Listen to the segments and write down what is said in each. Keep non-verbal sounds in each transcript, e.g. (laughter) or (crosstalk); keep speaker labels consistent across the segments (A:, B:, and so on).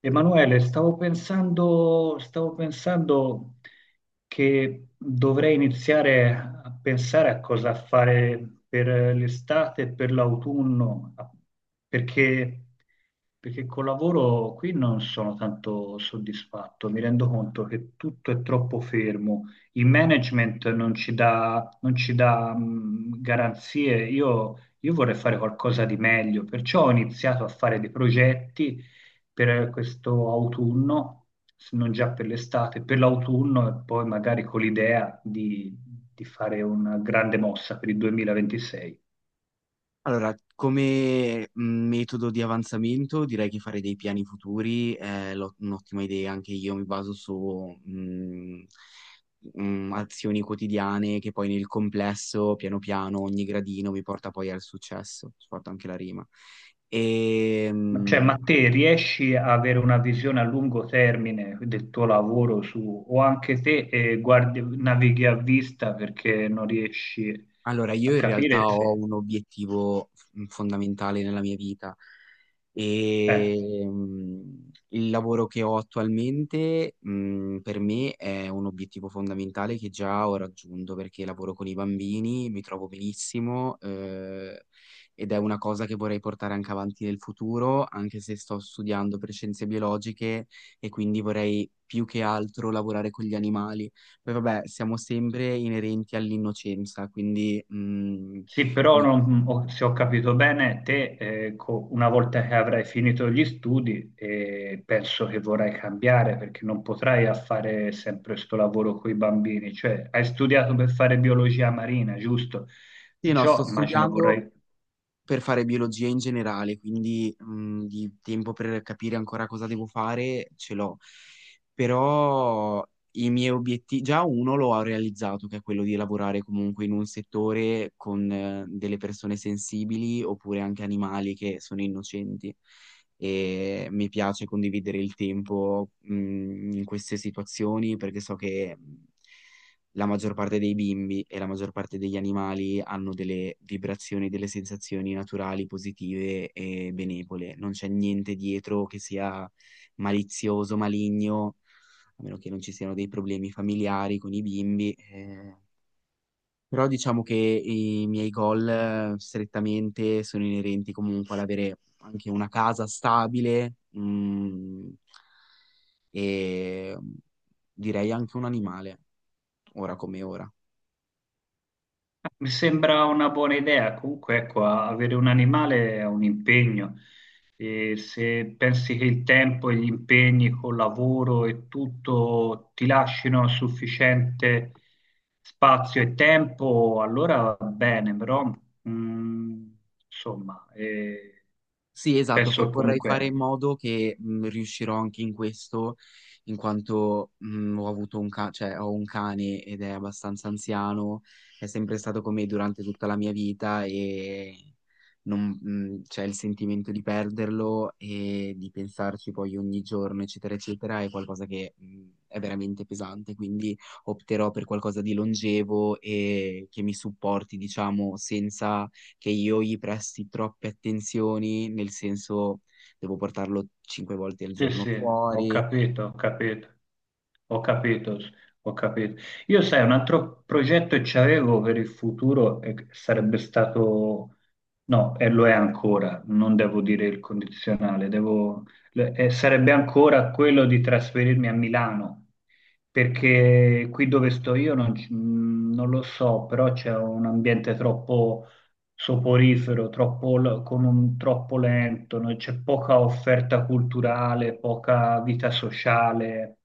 A: Emanuele, stavo pensando che dovrei iniziare a pensare a cosa fare per l'estate e per l'autunno, perché, perché col lavoro qui non sono tanto soddisfatto, mi rendo conto che tutto è troppo fermo, il management non ci dà, garanzie, io vorrei fare qualcosa di meglio, perciò ho iniziato a fare dei progetti per questo autunno, se non già per l'estate, per l'autunno e poi magari con l'idea di fare una grande mossa per il 2026.
B: Allora, come metodo di avanzamento direi che fare dei piani futuri è un'ottima idea, anche io mi baso su azioni quotidiane che poi nel complesso, piano piano, ogni gradino mi porta poi al successo, ci porta anche la rima. E,
A: Ma, cioè, ma te riesci a avere una visione a lungo termine del tuo lavoro su, o anche te navighi a vista perché non riesci
B: Allora, io
A: a
B: in
A: capire
B: realtà ho
A: se...
B: un obiettivo fondamentale nella mia vita
A: eh.
B: e il lavoro che ho attualmente, per me è un obiettivo fondamentale che già ho raggiunto perché lavoro con i bambini, mi trovo benissimo, ed è una cosa che vorrei portare anche avanti nel futuro, anche se sto studiando per scienze biologiche e quindi vorrei più che altro lavorare con gli animali. Poi vabbè, siamo sempre inerenti all'innocenza, quindi...
A: Sì, però
B: mi-
A: se ho capito bene, te una volta che avrai finito gli studi, penso che vorrai cambiare perché non potrai a fare sempre questo lavoro con i bambini. Cioè, hai studiato per fare biologia marina, giusto?
B: sì, no, sto
A: Perciò immagino
B: studiando
A: vorrai...
B: per fare biologia in generale, quindi di tempo per capire ancora cosa devo fare ce l'ho. Però i miei obiettivi, già uno lo ho realizzato, che è quello di lavorare comunque in un settore con, delle persone sensibili oppure anche animali che sono innocenti. E mi piace condividere il tempo in queste situazioni perché so che la maggior parte dei bimbi e la maggior parte degli animali hanno delle vibrazioni, delle sensazioni naturali, positive e benevole. Non c'è niente dietro che sia malizioso, maligno, a meno che non ci siano dei problemi familiari con i bimbi. Eh. Però diciamo che i miei goal, strettamente sono inerenti comunque all'avere anche una casa stabile, e mm, direi anche un animale, ora come ora.
A: Mi sembra una buona idea, comunque ecco, avere un animale è un impegno e se pensi che il tempo e gli impegni col lavoro e tutto ti lasciano sufficiente spazio e tempo, allora va bene, però mh, insomma,
B: Sì, esatto,
A: penso che
B: vorrei fare
A: comunque
B: in modo che, riuscirò anche in questo, in quanto, ho avuto un cioè, ho un cane ed è abbastanza anziano, è sempre stato con me durante tutta la mia vita e c'è il sentimento di perderlo e di pensarci poi ogni giorno, eccetera, eccetera. È qualcosa che, è veramente pesante, quindi opterò per qualcosa di longevo e che mi supporti, diciamo, senza che io gli presti troppe attenzioni, nel senso devo portarlo cinque volte al
A: Sì,
B: giorno
A: sì, ho
B: fuori.
A: capito, ho capito, ho capito, ho capito. Io sai, un altro progetto che c'avevo per il futuro e che sarebbe stato, no, e lo è ancora, non devo dire il condizionale, devo, e sarebbe ancora quello di trasferirmi a Milano, perché qui dove sto io non, non lo so, però c'è un ambiente troppo soporifero, troppo, troppo lento, no? C'è poca offerta culturale, poca vita sociale.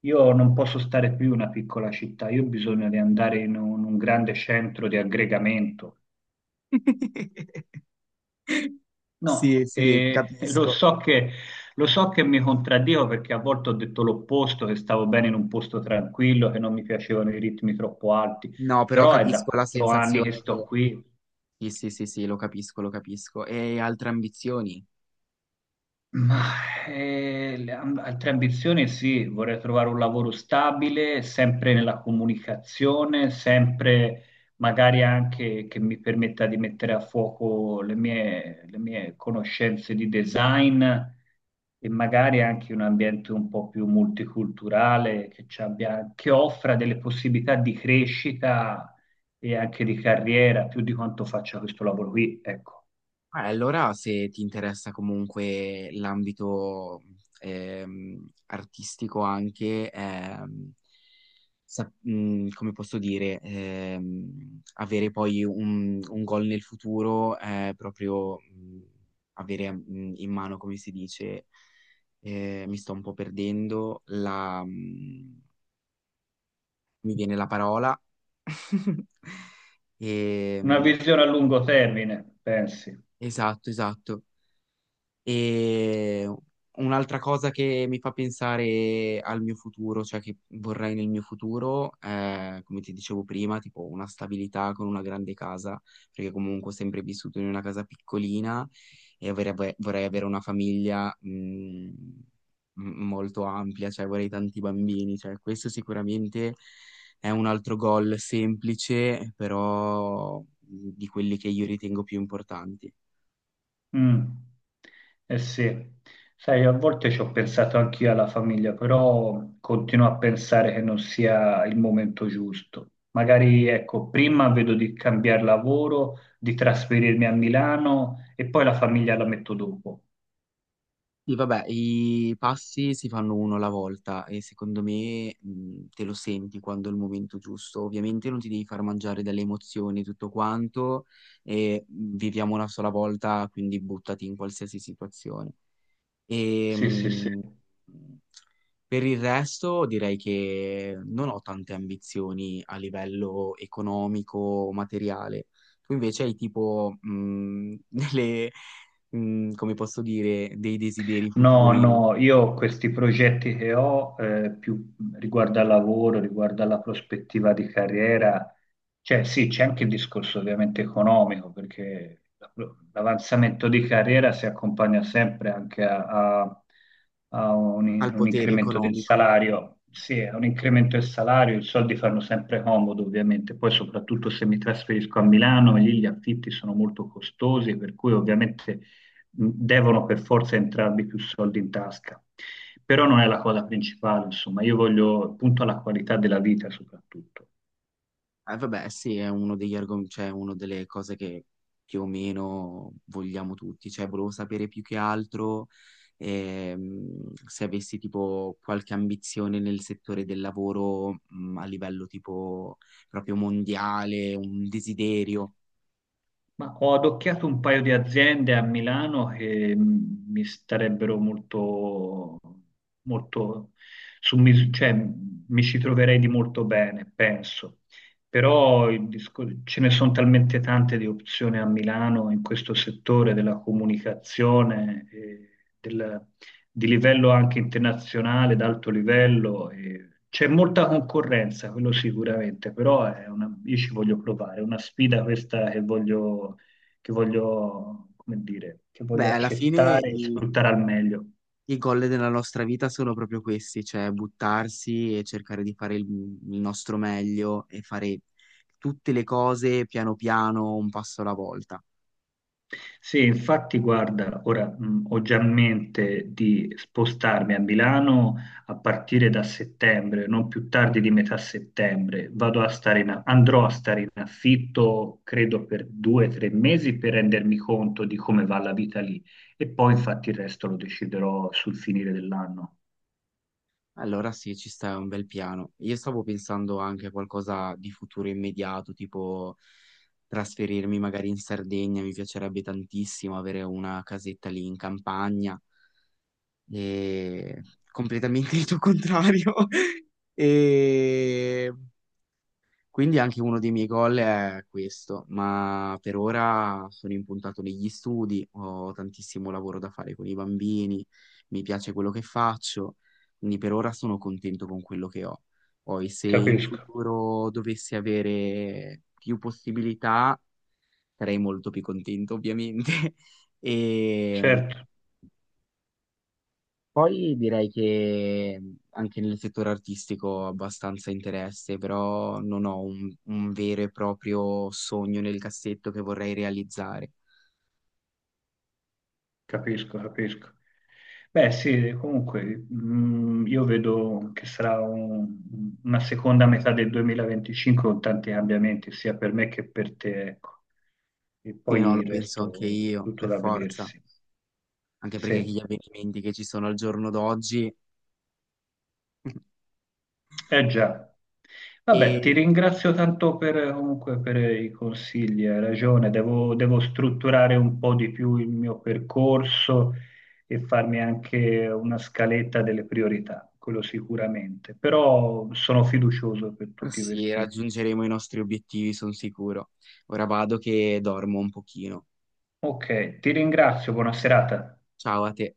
A: Io non posso stare più in una piccola città, io ho bisogno di andare in un grande centro di aggregamento.
B: (laughs) Sì,
A: No,
B: sì, ti
A: e (laughs)
B: capisco.
A: lo so che mi contraddico perché a volte ho detto l'opposto, che stavo bene in un posto tranquillo, che non mi piacevano i ritmi troppo alti,
B: No, però
A: però è da
B: capisco la
A: 4 anni che
B: sensazione
A: sto
B: che...
A: qui.
B: Sì, sì, sì, sì, lo capisco, lo capisco. E altre ambizioni?
A: Ma altre ambizioni sì, vorrei trovare un lavoro stabile, sempre nella comunicazione, sempre magari anche che mi permetta di mettere a fuoco le mie conoscenze di design e magari anche un ambiente un po' più multiculturale che offra delle possibilità di crescita e anche di carriera, più di quanto faccia questo lavoro qui, ecco.
B: Ah, allora, se ti interessa comunque l'ambito artistico anche, come posso dire, avere poi un goal nel futuro, proprio avere, in mano, come si dice, mi sto un po' perdendo, mi viene la parola. (laughs)
A: Una
B: Ehm,
A: visione a lungo termine, pensi.
B: esatto, esatto. E un'altra cosa che mi fa pensare al mio futuro, cioè che vorrei nel mio futuro, è, come ti dicevo prima, tipo una stabilità con una grande casa, perché comunque ho sempre vissuto in una casa piccolina e vorrei avere una famiglia, molto ampia, cioè vorrei tanti bambini. Cioè questo sicuramente è un altro goal semplice, però di quelli che io ritengo più importanti.
A: Mm. Eh sì, sai, a volte ci ho pensato anch'io alla famiglia, però continuo a pensare che non sia il momento giusto. Magari, ecco, prima vedo di cambiare lavoro, di trasferirmi a Milano e poi la famiglia la metto dopo.
B: Sì, vabbè, i passi si fanno uno alla volta e secondo me, te lo senti quando è il momento giusto. Ovviamente non ti devi far mangiare dalle emozioni e tutto quanto e, viviamo una sola volta, quindi buttati in qualsiasi situazione. E,
A: Sì, sì, sì.
B: mh, per il resto direi che non ho tante ambizioni a livello economico o materiale. Tu invece hai tipo (laughs) come posso dire, dei desideri
A: No,
B: futuri
A: no, io questi progetti che ho, più riguardo al lavoro, riguardo alla prospettiva di carriera, cioè sì, c'è anche il discorso ovviamente economico, perché l'avanzamento di carriera si accompagna sempre anche a, a- a
B: al
A: un
B: potere
A: incremento del
B: economico.
A: salario. Sì, a un incremento del salario, i soldi fanno sempre comodo, ovviamente. Poi, soprattutto se mi trasferisco a Milano, lì gli affitti sono molto costosi, per cui ovviamente devono per forza entrarvi più soldi in tasca, però non è la cosa principale, insomma, io voglio punto alla qualità della vita soprattutto.
B: Vabbè, sì, è uno degli argomenti, cioè una delle cose che più o meno vogliamo tutti. Cioè, volevo sapere più che altro, se avessi tipo qualche ambizione nel settore del lavoro, a livello tipo proprio mondiale, un desiderio.
A: Ma ho adocchiato un paio di aziende a Milano che mi starebbero molto, molto cioè, mi ci troverei di molto bene, penso. Però ce ne sono talmente tante di opzioni a Milano in questo settore della comunicazione, e del- di livello anche internazionale, d'alto livello. E c'è molta concorrenza, quello sicuramente, però io ci voglio provare, è una sfida questa che voglio, come dire, che
B: Beh,
A: voglio
B: alla fine
A: accettare e sfruttare al meglio.
B: i goal della nostra vita sono proprio questi, cioè buttarsi e cercare di fare il nostro meglio e fare tutte le cose piano piano, un passo alla volta.
A: Sì, infatti, guarda, ora ho già in mente di spostarmi a Milano a partire da settembre, non più tardi di metà settembre. Vado a stare in, andrò a stare in affitto, credo, per 2 o 3 mesi per rendermi conto di come va la vita lì. E poi, infatti, il resto lo deciderò sul finire dell'anno.
B: Allora sì, ci sta, è un bel piano. Io stavo pensando anche a qualcosa di futuro immediato, tipo trasferirmi magari in Sardegna, mi piacerebbe tantissimo avere una casetta lì in campagna, e completamente il tuo contrario. (laughs) E quindi anche uno dei miei goal è questo, ma per ora sono impuntato negli studi, ho tantissimo lavoro da fare con i bambini, mi piace quello che faccio, quindi per ora sono contento con quello che ho. Poi se in
A: Capisco,
B: futuro dovessi avere più possibilità, sarei molto più contento ovviamente. (laughs) E
A: certo.
B: poi direi che, anche nel settore artistico ho abbastanza interesse, però non ho un vero e proprio sogno nel cassetto che vorrei realizzare.
A: Capisco, capisco. Beh, sì, comunque, io vedo che una seconda metà del 2025 con tanti cambiamenti, sia per me che per te, ecco. E
B: Sì, no,
A: poi
B: lo
A: il
B: penso anche
A: resto
B: io,
A: tutto
B: per
A: da
B: forza,
A: vedersi.
B: anche perché
A: Sì.
B: gli avvenimenti che ci sono al giorno d'oggi (laughs)
A: Eh già. Vabbè,
B: e
A: ti ringrazio tanto per, comunque, per i consigli, hai ragione, devo, devo strutturare un po' di più il mio percorso e farmi anche una scaletta delle priorità, quello sicuramente, però sono fiducioso per tutti
B: sì,
A: questi.
B: raggiungeremo i nostri obiettivi, sono sicuro. Ora vado che dormo un pochino.
A: Ok, ti ringrazio, buona serata.
B: Ciao a te.